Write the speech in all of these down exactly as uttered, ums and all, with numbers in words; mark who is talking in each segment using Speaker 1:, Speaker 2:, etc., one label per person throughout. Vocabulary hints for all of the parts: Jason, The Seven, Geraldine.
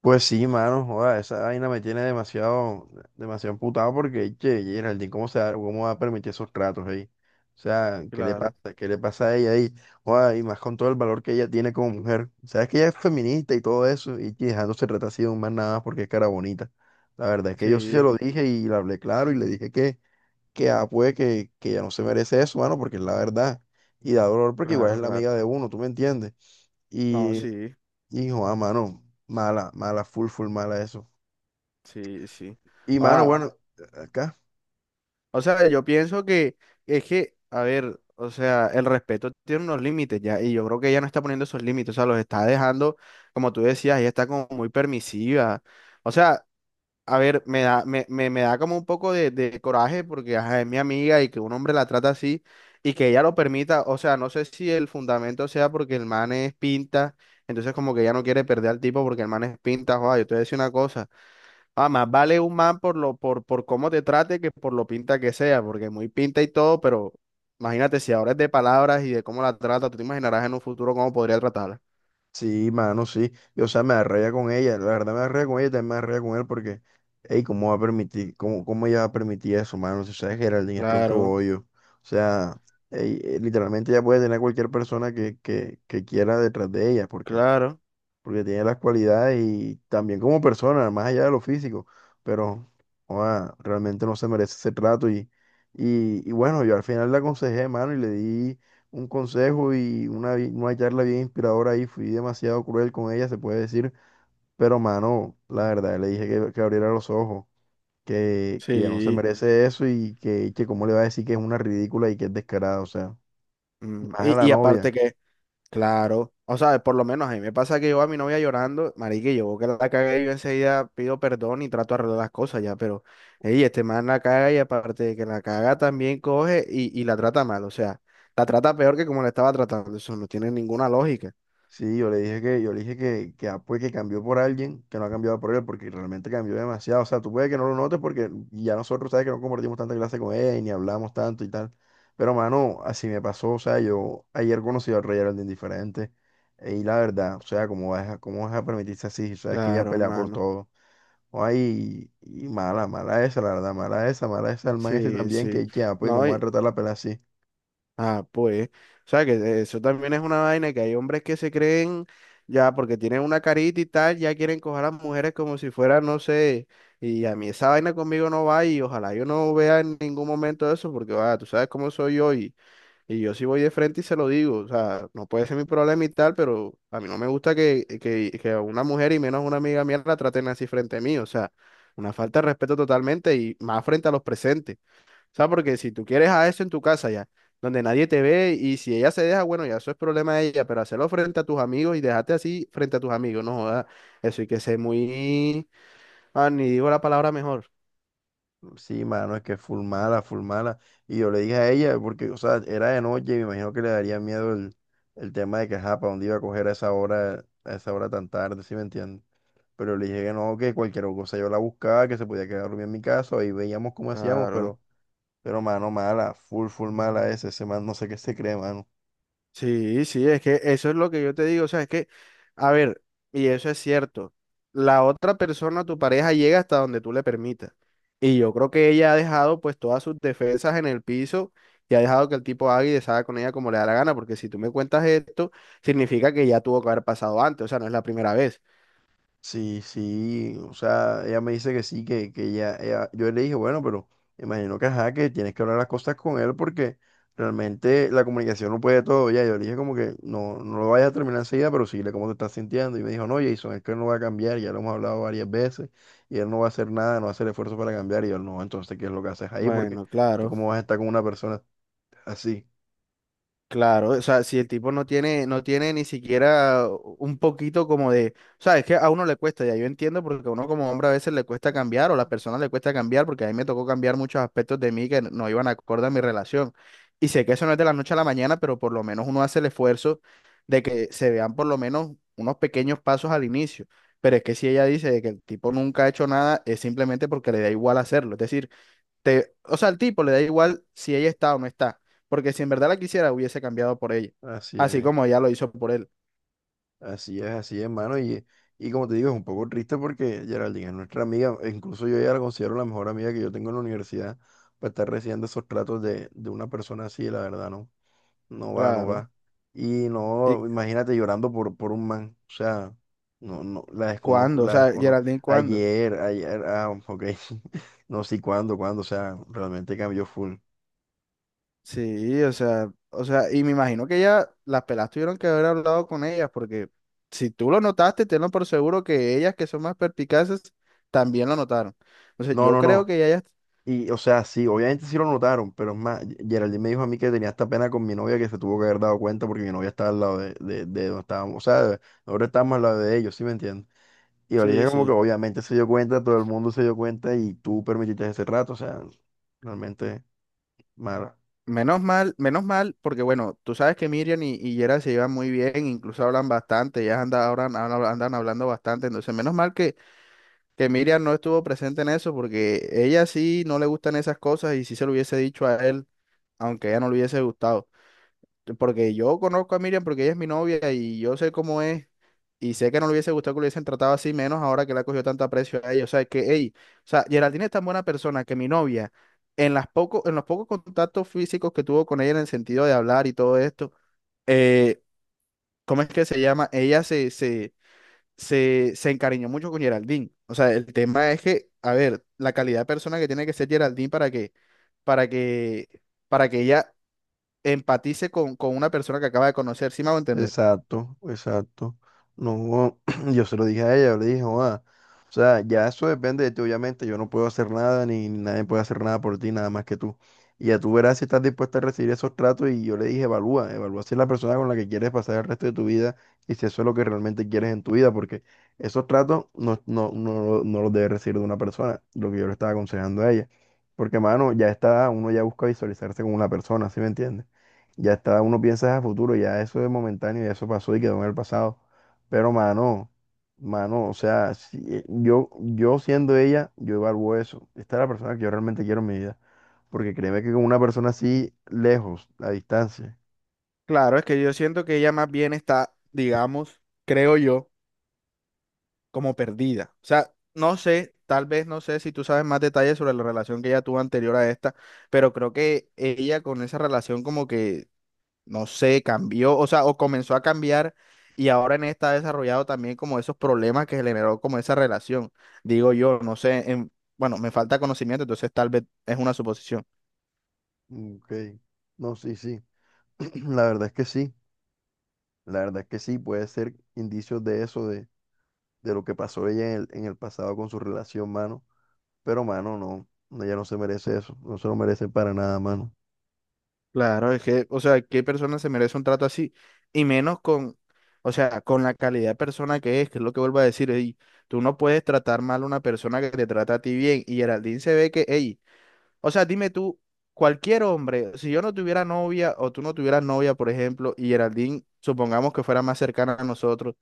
Speaker 1: Pues sí, mano, joda, esa vaina me tiene demasiado, demasiado emputado porque, che, Geraldine, ¿cómo se da, cómo va a permitir esos tratos ahí? O sea, ¿qué le pasa?
Speaker 2: Claro,
Speaker 1: ¿Qué le pasa a ella ahí? Joda, y más con todo el valor que ella tiene como mujer. Sabes que ella es feminista y todo eso, y que dejándose tratar así de un man nada más porque es cara bonita. La verdad es que yo sí se sí
Speaker 2: sí,
Speaker 1: lo dije y le hablé claro y le dije que, que ah, pues, que, que ella no se merece eso, mano, porque es la verdad. Y da dolor porque igual
Speaker 2: claro,
Speaker 1: es la
Speaker 2: claro.
Speaker 1: amiga de uno, ¿tú me entiendes?
Speaker 2: No, sí,
Speaker 1: Hijo, ah, mano, mala, mala, full, full, mala eso.
Speaker 2: sí, sí.
Speaker 1: Y mano,
Speaker 2: Ah,
Speaker 1: bueno, acá,
Speaker 2: o sea, yo pienso que es que, a ver, o sea, el respeto tiene unos límites ya, y yo creo que ella no está poniendo esos límites, o sea, los está dejando, como tú decías, ella está como muy permisiva. O sea, a ver, me da, me, me, me da como un poco de, de coraje porque ajá, es mi amiga y que un hombre la trata así y que ella lo permita. O sea, no sé si el fundamento sea porque el man es pinta, entonces como que ella no quiere perder al tipo porque el man es pinta. Joder, yo te voy a decir una cosa. Ah, más vale un man por lo, por, por cómo te trate que por lo pinta que sea, porque muy pinta y todo, pero imagínate si ahora es de palabras y de cómo la trata, tú te imaginarás en un futuro cómo podría tratarla.
Speaker 1: sí, mano, sí. Y, o sea, me arreía con ella, la verdad me arreía con ella, también me arreía con él porque, hey, ¿cómo va a permitir, cómo, cómo ella va a permitir eso, mano? Si sabes Geraldine es tronco
Speaker 2: Claro,
Speaker 1: bollo. O sea, ey, eh, literalmente ella puede tener a cualquier persona que, que, que quiera detrás de ella porque
Speaker 2: claro,
Speaker 1: porque tiene las cualidades y también como persona, más allá de lo físico, pero joda, realmente no se merece ese trato y, y, y bueno, yo al final le aconsejé, mano, y le di un consejo y una, vi- una charla bien inspiradora ahí, fui demasiado cruel con ella, se puede decir, pero mano, la verdad, le dije que, que abriera los ojos. Que, que ya no se
Speaker 2: sí.
Speaker 1: merece eso y que, que cómo le va a decir que es una ridícula y que es descarada, o sea,
Speaker 2: Mm.
Speaker 1: más a la
Speaker 2: Y, y
Speaker 1: novia.
Speaker 2: aparte que. Claro, o sea, por lo menos a mí me pasa que yo a mi novia llorando, marica, y yo que la cagué, yo enseguida pido perdón y trato de arreglar las cosas ya, pero, ey, este man la caga y aparte de que la caga también coge y, y la trata mal, o sea, la trata peor que como la estaba tratando, eso no tiene ninguna lógica.
Speaker 1: Sí, yo le dije que, yo le dije que, que, ah, pues, que cambió por alguien, que no ha cambiado por él, porque realmente cambió demasiado. O sea, tú puedes que no lo notes porque ya nosotros, sabes que no compartimos tanta clase con él, ni hablamos tanto y tal. Pero, mano, así me pasó. O sea, yo ayer conocí al Rey Geraldine diferente. eh, Y la verdad, o sea, ¿cómo vas a, cómo vas a permitirse así? O sea, es que ella
Speaker 2: Claro,
Speaker 1: pelea por
Speaker 2: mano.
Speaker 1: todo. Ay, y, mala, mala esa, la verdad, mala esa, mala esa, el man ese
Speaker 2: Sí,
Speaker 1: también,
Speaker 2: sí.
Speaker 1: que, que ah, pues,
Speaker 2: No.
Speaker 1: ¿cómo va a tratar la pelea así?
Speaker 2: Ah, pues, o sea que eso también es una vaina que hay hombres que se creen ya porque tienen una carita y tal, ya quieren coger a las mujeres como si fuera, no sé, y a mí esa vaina conmigo no va y ojalá yo no vea en ningún momento eso porque, va, tú sabes cómo soy yo y, y yo sí voy de frente y se lo digo, o sea, no puede ser mi problema y tal, pero a mí no me gusta que, que, que a una mujer y menos a una amiga mía la traten así frente a mí, o sea, una falta de respeto totalmente y más frente a los presentes. O sea, porque si tú quieres a eso en tu casa ya, donde nadie te ve y si ella se deja, bueno, ya eso es problema de ella, pero hacerlo frente a tus amigos y dejarte así frente a tus amigos, no joda, eso hay que ser muy, ah, ni digo la palabra mejor.
Speaker 1: Sí, mano, es que full mala, full mala. Y yo le dije a ella, porque, o sea, era de noche, me imagino que le daría miedo el, el tema de que, ajá, para dónde iba a coger a esa hora, a esa hora tan tarde, ¿sí me entiendes? Pero le dije que no, que cualquier cosa yo la buscaba, que se podía quedar dormida en mi casa, y veíamos cómo hacíamos,
Speaker 2: Claro.
Speaker 1: pero, pero, mano, mala, full, full mala ese, ese man, no sé qué se cree, mano.
Speaker 2: Sí, sí, es que eso es lo que yo te digo, o sea, es que, a ver, y eso es cierto, la otra persona, tu pareja, llega hasta donde tú le permitas. Y yo creo que ella ha dejado pues todas sus defensas en el piso y ha dejado que el tipo haga y deshaga con ella como le da la gana, porque si tú me cuentas esto, significa que ya tuvo que haber pasado antes, o sea, no es la primera vez.
Speaker 1: Sí, sí, o sea, ella me dice que sí, que, que ella, ella- yo le dije, bueno, pero imagino que ajá, que tienes que hablar las cosas con él porque realmente la comunicación no puede todo, ya, yo le dije como que no, no lo vayas a terminar enseguida, pero síguele cómo te estás sintiendo, y me dijo, no, Jason, es que él no va a cambiar, ya lo hemos hablado varias veces, y él no va a hacer nada, no va a hacer esfuerzo para cambiar, y yo, no, entonces, ¿qué es lo que haces ahí? Porque
Speaker 2: Bueno,
Speaker 1: tú
Speaker 2: claro.
Speaker 1: cómo vas a estar con una persona así,
Speaker 2: Claro, o sea, si el tipo no tiene, no tiene ni siquiera un poquito como de, o sea, es que a uno le cuesta, ya yo entiendo, porque a uno como hombre a veces le cuesta cambiar, o a las personas le cuesta cambiar, porque a mí me tocó cambiar muchos aspectos de mí que no iban acorde a mi relación. Y sé que eso no es de la noche a la mañana, pero por lo menos uno hace el esfuerzo de que se vean por lo menos unos pequeños pasos al inicio. Pero es que si ella dice de que el tipo nunca ha hecho nada, es simplemente porque le da igual hacerlo. Es decir, te, o sea, al tipo le da igual si ella está o no está, porque si en verdad la quisiera, hubiese cambiado por ella,
Speaker 1: así
Speaker 2: así
Speaker 1: es.
Speaker 2: como ella lo hizo por él.
Speaker 1: Así es, así es, mano. Y, y como te digo, es un poco triste porque Geraldine es nuestra amiga. E incluso yo ya la considero la mejor amiga que yo tengo en la universidad. Para estar recibiendo esos tratos de, de una persona así, la verdad, no. No va, no
Speaker 2: Claro.
Speaker 1: va. Y
Speaker 2: ¿Y
Speaker 1: no, imagínate llorando por, por un man. O sea, no, no, la desconozco,
Speaker 2: cuándo? O
Speaker 1: la
Speaker 2: sea,
Speaker 1: desconozco.
Speaker 2: Geraldine, ¿cuándo?
Speaker 1: Ayer, ayer, ah, ok. No sé cuándo, cuándo. O sea, realmente cambió full.
Speaker 2: Sí, o sea, o sea, y me imagino que ya las pelas tuvieron que haber hablado con ellas, porque si tú lo notaste, tenlo por seguro que ellas que son más perpicaces también lo notaron. Entonces,
Speaker 1: No,
Speaker 2: yo
Speaker 1: no,
Speaker 2: creo
Speaker 1: no.
Speaker 2: que ellas,
Speaker 1: Y, o sea, sí, obviamente sí lo notaron, pero es más, Ge- Geraldine me dijo a mí que tenía esta pena con mi novia que se tuvo que haber dado cuenta porque mi novia estaba al lado de, de, de donde estábamos, o sea, de- nosotros estábamos al lado de ellos, ¿sí me entiendes? Y yo le
Speaker 2: sí,
Speaker 1: dije como que
Speaker 2: sí.
Speaker 1: obviamente se dio cuenta, todo el mundo se dio cuenta y tú permitiste ese rato, o sea, realmente mal.
Speaker 2: Menos mal, menos mal, porque bueno, tú sabes que Miriam y, y Yera se llevan muy bien, incluso hablan bastante, ellas andan, hablan- hablan- andan hablando bastante, entonces menos mal que, que Miriam no estuvo presente en eso, porque ella sí no le gustan esas cosas y sí se lo hubiese dicho a él, aunque a ella no le hubiese gustado porque yo conozco a Miriam porque ella es mi novia y yo sé cómo es y sé que no le hubiese gustado que lo hubiesen tratado así, menos ahora que le ha cogido tanto aprecio a ella. O sea, que, hey, o sea, Geraldine es tan buena persona que mi novia, en las poco, en los pocos contactos físicos que tuvo con ella en el sentido de hablar y todo esto, eh, ¿cómo es que se llama? Ella se, se, se, se encariñó mucho con Geraldine. O sea, el tema es que, a ver, la calidad de persona que tiene que ser Geraldine para que, para que, para que ella empatice con, con una persona que acaba de conocer, ¿sí me hago entender?
Speaker 1: Exacto, exacto. No, yo se lo dije a ella, yo le dije, "Joda, o sea, ya eso depende de ti, obviamente, yo no puedo hacer nada, ni, ni nadie puede hacer nada por ti, nada más que tú. Y ya tú verás si estás dispuesta a recibir esos tratos y yo le dije, evalúa, evalúa si es la persona con la que quieres pasar el resto de tu vida y si eso es lo que realmente quieres en tu vida, porque esos tratos no, no, no, no los debes recibir de una persona, lo que yo le estaba aconsejando a ella. Porque, mano, ya está, uno ya busca visualizarse con una persona, ¿sí me entiendes? Ya está, uno piensa a futuro, ya eso es momentáneo, ya eso pasó y quedó en el pasado. Pero mano, mano, o sea, si- eh, yo, yo siendo ella, yo evalúo eso. Esta es la persona que yo realmente quiero en mi vida. Porque créeme que con una persona así, lejos, a distancia.
Speaker 2: Claro, es que yo siento que ella más bien está, digamos, creo yo, como perdida. O sea, no sé, tal vez no sé si tú sabes más detalles sobre la relación que ella tuvo anterior a esta, pero creo que ella con esa relación como que, no sé, cambió, o sea, o comenzó a cambiar y ahora en esta ha desarrollado también como esos problemas que generó como esa relación. Digo yo, no sé, en- bueno, me falta conocimiento, entonces tal vez es una suposición.
Speaker 1: Mm, ok. No, sí, sí. La verdad es que sí. La verdad es que sí, puede ser indicios de eso, de, de lo que pasó ella en el, en el pasado con su relación, mano. Pero, mano, no. Ella no se merece eso. No se lo merece para nada, mano.
Speaker 2: Claro, es que, o sea, ¿qué persona se merece un trato así? Y menos con, o sea, con la calidad de persona que es, que es lo que vuelvo a decir, ey, tú no puedes tratar mal a una persona que te trata a ti bien. Y Geraldine se ve que, ey, o sea, dime tú, cualquier hombre, si yo no tuviera novia o tú no tuvieras novia, por ejemplo, y Geraldine, supongamos que fuera más cercana a nosotros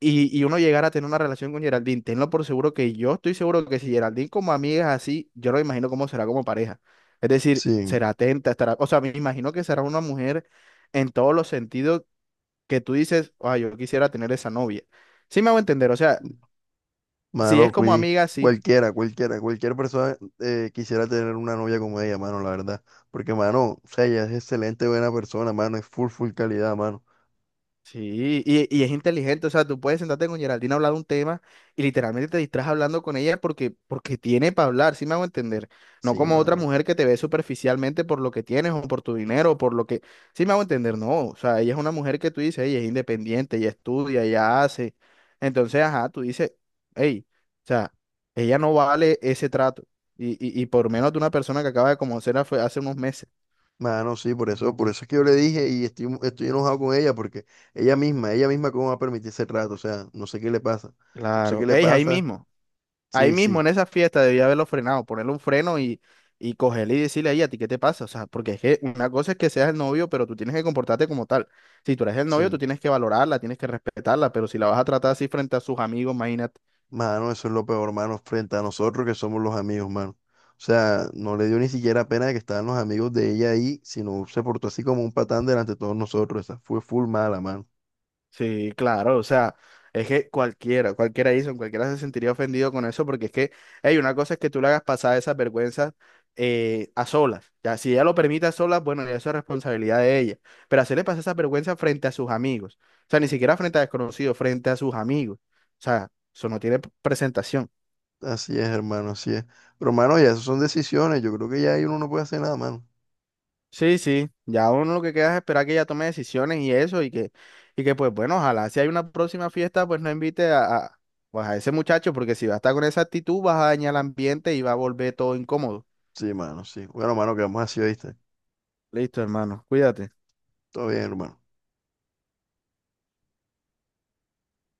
Speaker 2: y, y uno llegar a tener una relación con Geraldine, tenlo por seguro que yo estoy seguro que si Geraldine como amiga es así, yo lo imagino cómo será como pareja. Es decir,
Speaker 1: Sí.
Speaker 2: será atenta, estará, o sea, me imagino que será una mujer en todos los sentidos que tú dices, ay, yo quisiera tener esa novia. Sí me hago entender, o sea, si es
Speaker 1: Mano,
Speaker 2: como
Speaker 1: cui-
Speaker 2: amiga, sí.
Speaker 1: cualquiera, cualquiera, cualquier persona eh, quisiera tener una novia como ella, mano, la verdad. Porque, mano, o sea, ella es excelente, buena persona, mano, es full, full calidad, mano.
Speaker 2: Sí, y, y es inteligente, o sea, tú puedes sentarte con Geraldine a hablar de un tema y literalmente te distraes hablando con ella porque, porque tiene para hablar, ¿sí me hago entender? No
Speaker 1: Sí,
Speaker 2: como otra
Speaker 1: mano.
Speaker 2: mujer que te ve superficialmente por lo que tienes o por tu dinero o por lo que, ¿sí me hago entender? No, o sea, ella es una mujer que tú dices, ella es independiente, ella estudia, ella hace, entonces, ajá, tú dices, hey, o sea, ella no vale ese trato y, y, y por menos de una persona que acaba de conocer hace hace unos meses.
Speaker 1: Mano, sí, por eso, por eso es que yo le dije y estoy, mu- estoy enojado con ella porque ella misma, ella misma cómo va a permitir ese rato, o sea, no sé qué le pasa. No sé qué
Speaker 2: Claro,
Speaker 1: le
Speaker 2: hey, ahí
Speaker 1: pasa.
Speaker 2: mismo. Ahí
Speaker 1: Sí,
Speaker 2: mismo
Speaker 1: sí,
Speaker 2: en esa fiesta debía haberlo frenado, ponerle un freno y, y cogerle y decirle ahí a ti qué te pasa. O sea, porque es que una cosa es que seas el novio, pero tú tienes que comportarte como tal. Si tú eres el novio, tú
Speaker 1: sí.
Speaker 2: tienes que valorarla, tienes que respetarla, pero si la vas a tratar así frente a sus amigos, imagínate.
Speaker 1: Mano, eso es lo peor, mano, frente a nosotros que somos los amigos, mano. O sea, no le dio ni siquiera pena de que estaban los amigos de ella ahí, sino se portó así como un patán delante de todos nosotros. Esa fue full mala, mano.
Speaker 2: Sí, claro, o sea, es que cualquiera, cualquiera hizo, cualquiera se sentiría ofendido con eso, porque es que, hey, una cosa es que tú le hagas pasar esas vergüenzas eh, a solas, ya, si ella lo permite a solas, bueno, ya eso es responsabilidad de ella, pero hacerle pasar esas vergüenzas frente a sus amigos, o sea, ni siquiera frente a desconocidos, frente a sus amigos, o sea, eso no tiene p- presentación.
Speaker 1: Así es, hermano, así es. Pero, mano, ya esas son decisiones. Yo creo que ya ahí uno no puede hacer nada, mano.
Speaker 2: Sí, sí, ya uno lo que queda es esperar que ella tome decisiones y eso, y que, y que pues bueno, ojalá si hay una próxima fiesta, pues no invite a, a, pues, a ese muchacho, porque si va a estar con esa actitud, vas a dañar el ambiente y va a volver todo incómodo.
Speaker 1: Sí, mano, sí. Bueno, mano, quedamos así, ¿viste?
Speaker 2: Listo, hermano, cuídate.
Speaker 1: Todo bien, hermano.